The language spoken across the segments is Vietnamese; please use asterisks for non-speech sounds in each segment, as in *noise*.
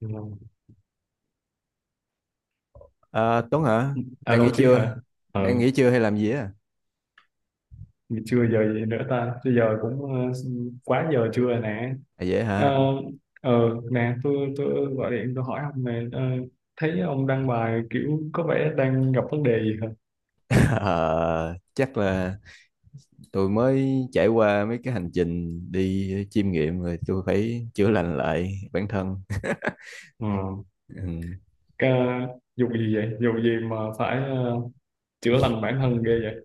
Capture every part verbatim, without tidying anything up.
Ừ. À, Tuấn hả? Đang nghỉ Alo Trí chưa? hả? Ờ, Đang nghỉ chưa hay làm gì á? Chưa giờ gì nữa ta? Chứ giờ cũng ờ, quá giờ trưa nè. À dễ Ờ, hả? ờ, nè, tôi tôi gọi điện tôi hỏi ông nè. Ờ, Thấy ông đăng bài kiểu có vẻ đang gặp vấn đề gì hả? *laughs* Ờ, chắc là tôi mới trải qua mấy cái hành trình đi chiêm nghiệm rồi tôi phải chữa lành lại bản thân. Ừ. Ừ. Cái, Vụ gì vậy? Vụ gì mà phải ờ, chữa lành bản thân ghê vậy?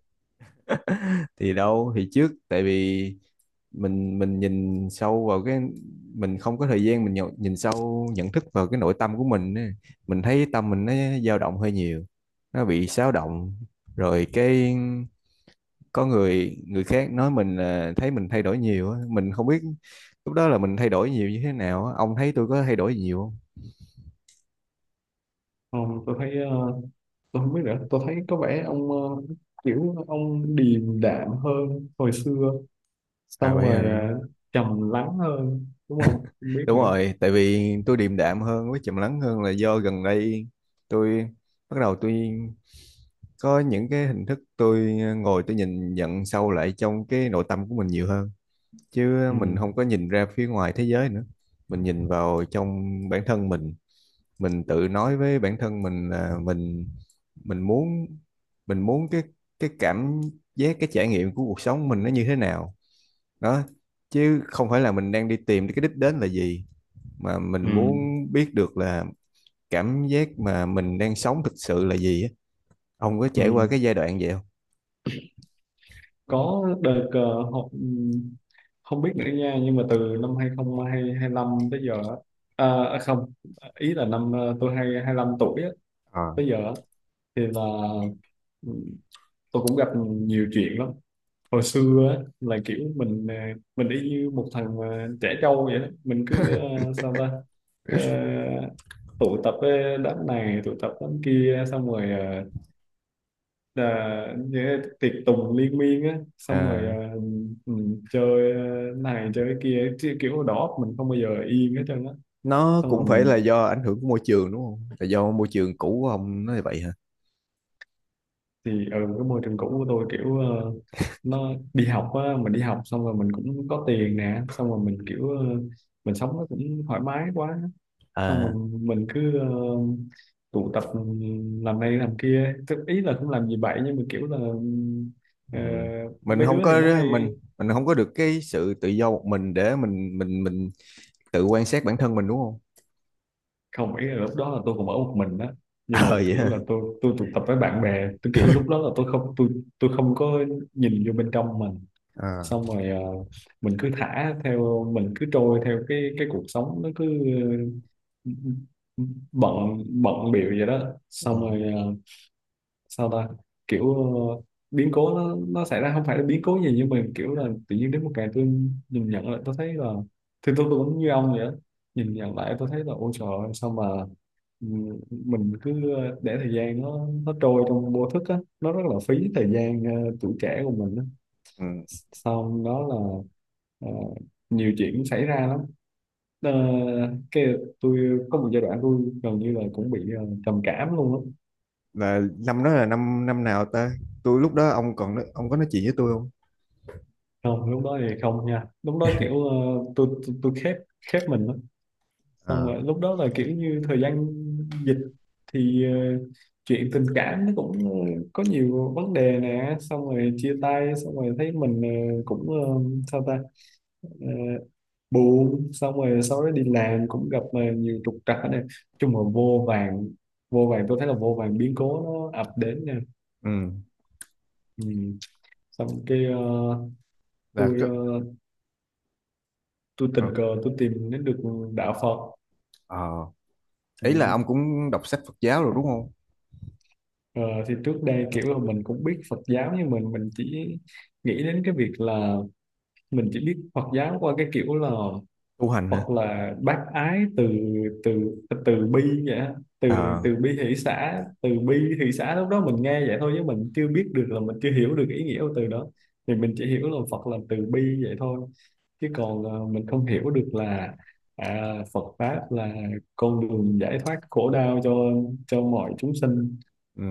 Thì đâu thì trước tại vì mình mình nhìn sâu vào cái mình không có thời gian mình nhậu- nhìn sâu nhận thức vào cái nội tâm của mình á. Mình thấy tâm mình nó dao động hơi nhiều. Nó bị xáo động rồi cái có người người khác nói mình là thấy mình thay đổi nhiều á, mình không biết lúc đó là mình thay đổi nhiều như thế nào á. Ông thấy tôi có thay đổi nhiều không? Ờ, tôi thấy ờ, tôi không biết nữa. Tôi thấy có vẻ ông ờ, kiểu ông điềm đạm hơn hồi xưa. À Xong vậy rồi hả? ờ, trầm lắng hơn, đúng không? Không biết Đúng nữa. rồi, tại vì tôi điềm đạm hơn với trầm lắng hơn là do gần đây tôi bắt đầu tôi có những cái hình thức tôi ờ, ngồi tôi nhìn nhận sâu lại trong cái nội tâm của mình nhiều hơn, chứ ừ, mình không có nhìn ra phía ngoài thế giới nữa. Mình nhìn vào trong bản thân mình. Mình tự nói với bản thân mình là mình mình muốn mình muốn cái cái cảm giác, cái trải nghiệm của cuộc sống mình nó như thế nào đó, chứ không phải là mình đang đi tìm cái đích đến là gì mà mình ừ, muốn biết được là cảm giác mà mình đang sống thực sự là gì á. Ông có ừ. trải qua cái giai đoạn vậy không? Có đợt ờ, học ừ, không biết nữa nha nhưng mà từ năm hai không hai lăm tới giờ á, à, à, không ý là năm ờ, tôi hai 25 tuổi á, Ờ, tới giờ á, thì là ừ, tôi cũng gặp nhiều chuyện lắm. Hồi xưa á, là kiểu mình ờ, mình y như một thằng ờ, trẻ trâu vậy đó, mình cứ ờ, sao ta. Ờ, Tụ tập với đám này tụ tập đám kia xong rồi ờ, là như tiệc tùng liên miên á, xong rồi à, à, ừ, chơi à, này chơi kia chứ kiểu đầu óc mình không bao giờ yên hết trơn á. nó Xong rồi cũng phải là mình do ảnh hưởng của môi trường đúng không? Là do môi trường cũ của ông nó như vậy hả? thì ở cái môi trường cũ của tôi kiểu ờ, nó đi học á, mình đi học xong rồi mình cũng có tiền nè, xong rồi mình kiểu ờ, mình sống nó cũng thoải mái quá. Xong rồi À, mình cứ ờ, tụ tập ừ, làm này làm kia. Tức ý là cũng làm gì vậy nhưng mà kiểu là ừ, ờ, ừ. Mình mấy không đứa thì nó có hay. mình mình không có được cái sự tự do một mình để mình mình mình tự quan sát bản thân mình đúng không? Không ý là lúc đó là tôi cũng ở một mình đó, nhưng Ờ mà vậy kiểu là hả? tôi tôi tụ tập với bạn bè, tôi kiểu lúc đó là tôi không tôi tôi không có nhìn vô bên trong mình. À. Xong rồi ờ, mình cứ thả theo, mình cứ trôi theo cái cái cuộc sống nó cứ ờ, bận bận bịu vậy đó, Ừ. xong rồi ờ, sao ta, kiểu ờ, biến cố nó nó xảy ra, không phải là biến cố gì nhưng mà kiểu là tự nhiên đến một ngày tôi nhìn nhận lại tôi thấy là thì tôi tôi cũng như ông vậy đó. Nhìn nhận lại tôi thấy là, ôi trời ơi sao mà Ừ, mình cứ để thời gian nó nó trôi trong vô thức á, nó rất là phí thời gian ờ, tuổi trẻ của mình á. Ừ. Xong đó là ờ, nhiều chuyện xảy ra lắm. Ờ, cái Tôi có một giai đoạn tôi gần như là cũng bị ờ, trầm cảm luôn á. Là năm đó là năm năm nào ta? Tôi lúc đó ông còn nói- ông có nói chuyện với tôi không? Không lúc đó thì không nha, lúc đó kiểu ờ, tôi tôi, tôi khép khép mình lắm. Xong À, rồi lúc đó là kiểu như thời gian dịch thì ờ, chuyện tình cảm nó cũng ờ, có nhiều vấn đề nè, xong rồi chia tay, xong rồi thấy mình ờ, cũng ờ, sao ta, Ờ, buồn, xong rồi sau đó đi làm cũng gặp ờ, nhiều trục trặc. Này chung là vô vàn, vô vàn, tôi thấy là vô vàn biến cố nó ập đến nè. ừ Ừ. Xong cái ờ, là tôi cái ờ, tôi ờ tình cờ tôi tìm đến được đạo Phật. ờ. Ừ. Ý là ông cũng đọc sách Phật giáo rồi đúng không? Ờ, thì trước đây kiểu là mình cũng biết Phật giáo, nhưng mình mình chỉ nghĩ đến cái việc là mình chỉ biết Phật giáo qua cái kiểu là Tu hành hả? Phật là bác ái, từ từ từ bi vậy á. Từ À, Từ bi hỷ xã, từ bi hỷ xã, lúc đó mình nghe vậy thôi chứ mình chưa biết được là mình chưa hiểu được ý nghĩa của từ đó. Thì mình chỉ hiểu là Phật là từ bi vậy thôi, chứ còn ờ, mình không hiểu được là à, Phật pháp là con đường giải thoát khổ đau cho cho mọi chúng sinh.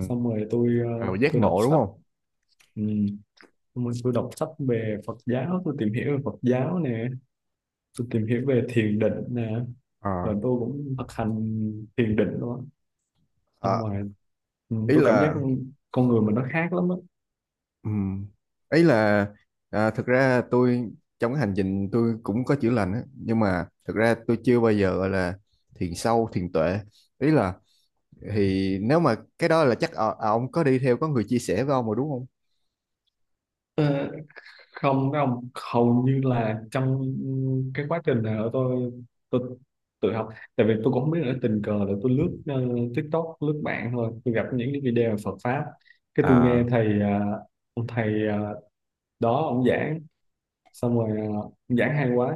Xong rồi tôi ờ, Ờ, giác tôi đọc ngộ đúng sách. không? Ừ. Xong rồi tôi đọc sách về Phật giáo, tôi tìm hiểu về Phật giáo nè, tôi tìm hiểu về thiền định nè, rồi À, tôi cũng thực hành thiền định luôn á. Xong à, rồi ừ, ý tôi cảm giác là. con người mình nó khác lắm á. Ừ. Ấy là, à, thực ra tôi trong cái hành trình tôi cũng có chữa lành á, nhưng mà thực ra tôi chưa bao giờ gọi là thiền sâu, thiền tuệ. Ý là, thì nếu mà cái đó là chắc ờ, ờ, ông có đi theo có người chia sẻ với ông rồi đúng không? Ờ, Không, với ông hầu như là trong cái quá trình này ở tôi tôi tự học. Tại vì tôi cũng không biết nữa, tình cờ là tôi lướt ờ, TikTok, lướt mạng thôi tôi gặp những cái video về Phật pháp, cái tôi nghe À. thầy ờ, ông thầy ờ, đó ông giảng. Xong rồi ờ, ông giảng hay quá,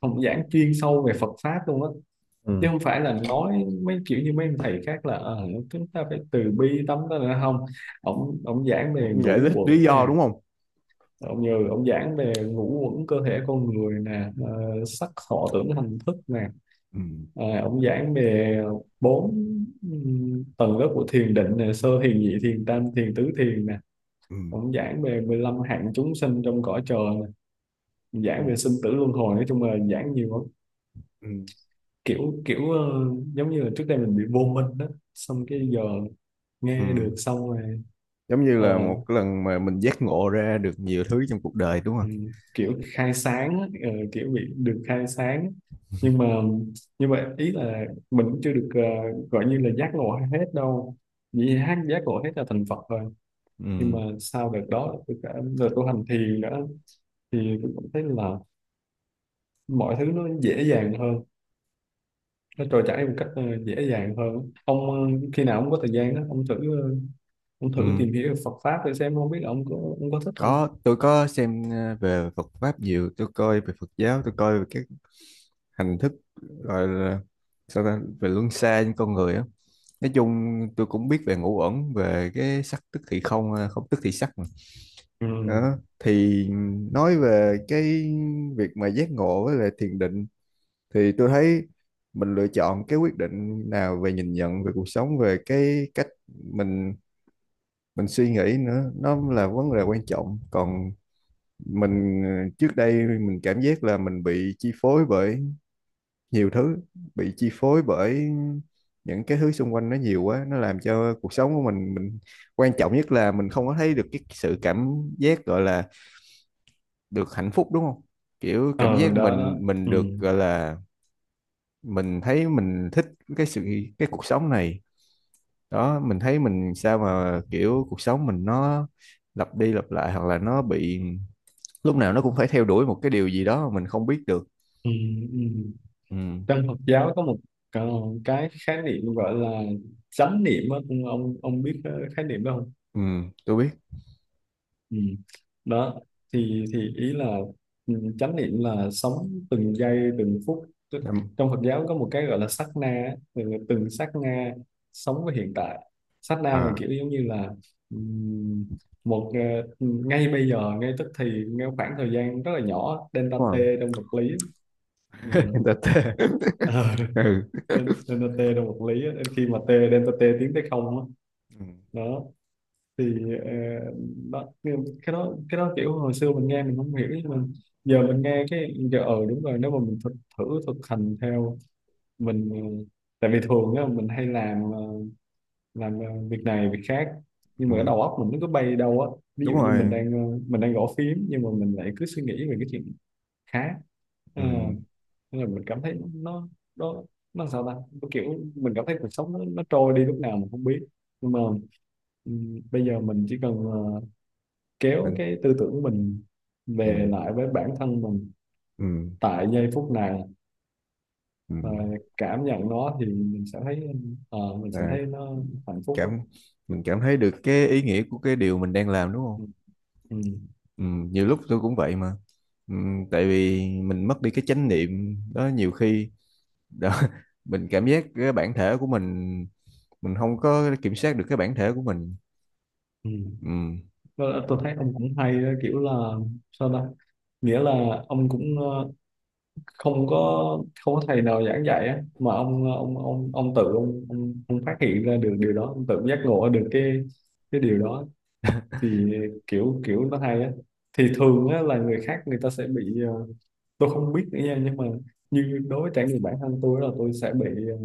ông giảng chuyên sâu về Phật pháp luôn á, chứ Ừ. không phải là nói mấy kiểu như mấy ông thầy khác là ờ, chúng ta phải từ bi tấm đó nữa không. Ông ông giảng về Giải ngũ thích lý uẩn do nè, đúng không? ông như ông giảng về ngũ uẩn cơ thể con người nè, ờ, sắc thọ tưởng hành thức nè. Ừ. Ờ, ông giảng về bốn ừm, tầng lớp của thiền định nè, sơ thiền nhị thiền tam thiền tứ thiền nè. Ừ. Ông giảng về mười lăm hạng chúng sinh trong cõi trời nè. Ông Ừ. giảng về sinh tử luân hồi, nói chung là giảng nhiều lắm. Ừ. Kiểu kiểu ờ, giống như là trước đây mình bị vô minh đó, xong cái giờ nghe Ừ. được, xong rồi Giống như ờ, là một cái lần mà mình giác ngộ ra được nhiều thứ trong cuộc đời đúng không? ừ, kiểu khai sáng á, ờ, kiểu bị được khai sáng. Nhưng mà nhưng mà ý là mình cũng chưa được ờ, gọi như là giác ngộ hết đâu, vì hát giác ngộ hết là thành Phật rồi. Nhưng Ừ. mà sau đợt đó tôi cả đợt tu hành thiền nữa, thì tôi cũng thấy là mọi thứ nó dễ dàng hơn, nó trôi chảy một cách ờ, dễ dàng hơn. Ông ờ, khi nào ông có thời gian đó ông thử ờ, ông thử Ừ. tìm hiểu Phật pháp để xem không biết là ông có ông có thích không. Có, tôi có xem ờ, về Phật pháp nhiều, tôi coi về Phật giáo, tôi coi về các hành thức gọi là, sao ta, về luân xa trên con người á. Nói chung tôi cũng biết về ngũ uẩn, về cái sắc tức thì không, à, không tức thì sắc mà. Ừ, Đó. Thì nói về cái việc mà giác ngộ với lại thiền định thì tôi thấy mình lựa chọn cái quyết định nào về nhìn nhận về cuộc sống, về cái cách mình mình suy nghĩ nữa, nó là vấn đề quan trọng. Còn mình ờ, trước đây mình cảm giác là mình bị chi phối bởi nhiều thứ, bị chi phối bởi những cái thứ xung quanh nó nhiều quá. Nó làm cho cuộc sống của mình mình quan trọng nhất là mình không có thấy được cái sự cảm giác gọi là được hạnh phúc đúng không? Kiểu cảm ờ giác đó đó. mình mình Ừ. được gọi là mình thấy mình thích cái sự cái cuộc sống này. Đó, mình thấy mình, sao mà kiểu cuộc sống mình nó lặp đi lặp lại, hoặc là nó bị lúc nào nó cũng phải theo đuổi một cái điều gì đó mà mình không biết được. Ừ. Ừ. Ừ. Trong Phật giáo có một ờ, cái khái niệm gọi là chánh niệm á, ông ông ông biết cái khái niệm đó không? Ừ. Tôi biết. Ừ. Đó thì thì ý là ừ, chánh niệm là sống từng giây từng phút. Tức- Em- trong Phật giáo có một cái gọi là sát na á, tức là từng sát na sống với hiện tại. Sát na là À, kiểu giống như là ừm, một ờ, ừ, ngay bây giờ, ngay tức thì, ngay khoảng thời gian rất là nhỏ, delta đúng t rồi. trong vật lý. Ừ. *laughs* Người ta tê. *laughs* Ờ, Ừ. Nên nên là t là một lý á. Nên khi mà t delta t tiến tới không á, Ừ, đó thì ờ, đó. Nhưng cái đó cái đó kiểu hồi xưa mình nghe mình không hiểu, nhưng mà giờ mình nghe cái giờ ờ đúng rồi, nếu mà mình thực thử thực hành theo mình ờ, tại vì thường á mình hay làm ờ, làm ờ, việc này việc khác, nhưng ừ, mà cái đầu óc mình nó cứ bay đâu á. Ví đúng dụ như mình rồi. đang ờ, mình đang gõ phím nhưng mà mình lại cứ suy nghĩ về cái chuyện khác. Ờ, Ừ, Nên là mình cảm thấy nó nó nó sao ta. Nó kiểu mình cảm thấy cuộc sống nó, nó trôi đi lúc nào mình không biết. Nhưng mà ừm, bây giờ mình chỉ cần ờ, kéo mình. cái tư tưởng của mình về Ừ, lại với bản thân mình ừ, tại giây phút này ừ. và cảm nhận nó, thì mình sẽ thấy ờ, mình sẽ Là thấy nó hạnh phúc đó. cảm mình cảm thấy được cái ý nghĩa của cái điều mình đang làm đúng Ừ. không? Ừ. Ừ, nhiều lúc tôi cũng vậy mà. Ừ, tại vì mình mất đi cái chánh niệm đó nhiều khi. Đó, *laughs* mình cảm giác cái bản thể của mình mình không có kiểm soát được cái bản thể của mình. Ừ. Ừ, Tôi, tôi thấy ông cũng hay đó, kiểu là sao ta, nghĩa là ông cũng ờ, không có không có thầy nào giảng dạy á, mà ông ông ông ông tự ông, ông, ông phát hiện ra được điều đó, ông tự giác ngộ được cái cái điều đó. Thì kiểu kiểu nó hay á. Thì thường á là người khác người ta sẽ bị ờ, tôi không biết nữa nha, nhưng mà như đối với trải nghiệm bản thân tôi là tôi sẽ bị ờ,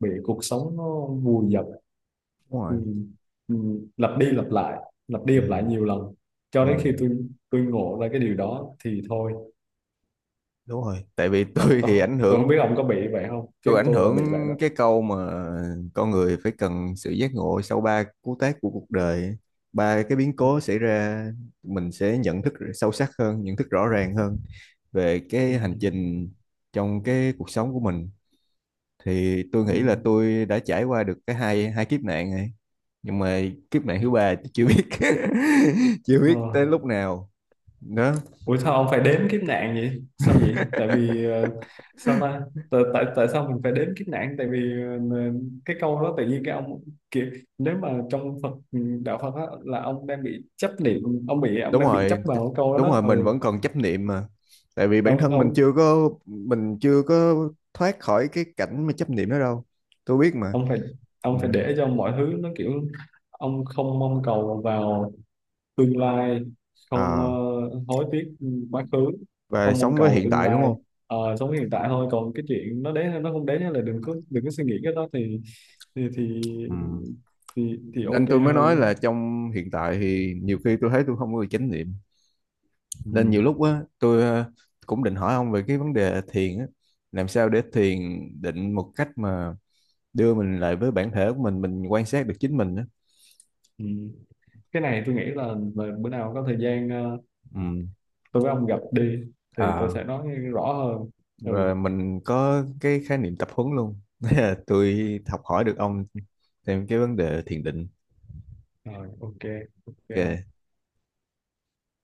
bị cuộc sống nó vùi dập, đúng ừ, rồi. ừ, lặp đi lặp lại lặp đi lặp lại Ừ, nhiều lần, cho ừ, đến khi tôi tôi ngộ ra cái điều đó thì thôi. đúng rồi, tại vì *laughs* Là tôi tôi thì ảnh tôi không biết hưởng ông có bị vậy không, tôi chứ ảnh tôi là hưởng bị vậy đó. cái câu mà con người phải cần sự giác ngộ sau ba cú tác của cuộc đời ấy. Ba cái biến ừ, cố xảy ra mình sẽ nhận thức sâu sắc hơn, nhận thức rõ ràng hơn về ừ, cái hành trình trong cái cuộc sống của mình. Thì tôi nghĩ là ừ. tôi đã trải qua được cái hai hai kiếp nạn này. Nhưng mà kiếp nạn thứ ba tôi chưa biết. *laughs* Chưa Ờ. biết tới lúc nào. Đó. Ủa sao ông phải đếm kiếp nạn vậy? Sao vậy? Tại vì ờ, sao ta? Tại, tại Tại sao mình phải đếm kiếp nạn? Tại vì ờ, cái câu đó tự nhiên cái ông kiểu, nếu mà trong Phật ừ, đạo Phật á, là ông đang bị chấp niệm, ông bị ông Đúng đang bị chấp rồi, t- vào cái câu đó đúng đó. rồi mình Ừ. vẫn còn chấp niệm mà, tại vì bản Ông thân mình ông chưa có mình chưa có thoát khỏi cái cảnh mà chấp niệm đó đâu. Tôi biết mà. ông phải Ừ. ông phải để cho mọi thứ nó kiểu ông không mong cầu vào tương lai, không À, ờ, hối tiếc quá khứ, và không mong sống với cầu hiện tương tại đúng lai. không? Ờ, sống hiện tại thôi, còn cái chuyện nó đến hay nó không đến là đừng có đừng có suy nghĩ cái đó thì thì thì Ừ. thì, thì Nên ok tôi mới hơn nói á. là trong hiện tại thì nhiều khi tôi thấy tôi không có được chánh niệm, nên Ừ. nhiều lúc á tôi ờ, cũng định hỏi ông về cái vấn đề thiền á, làm sao để thiền định một cách mà đưa mình lại với bản thể của mình mình quan sát được chính mình á. Ừ. Cái này tôi nghĩ là, là bữa nào có thời gian ờ, tôi với ông gặp đi thì tôi Ừ. sẽ nói rõ hơn. Và Ừ mình có cái khái niệm tập huấn luôn. *laughs* Thế là tôi học hỏi được ông thêm cái vấn đề thiền định. rồi ok, ok. Ok.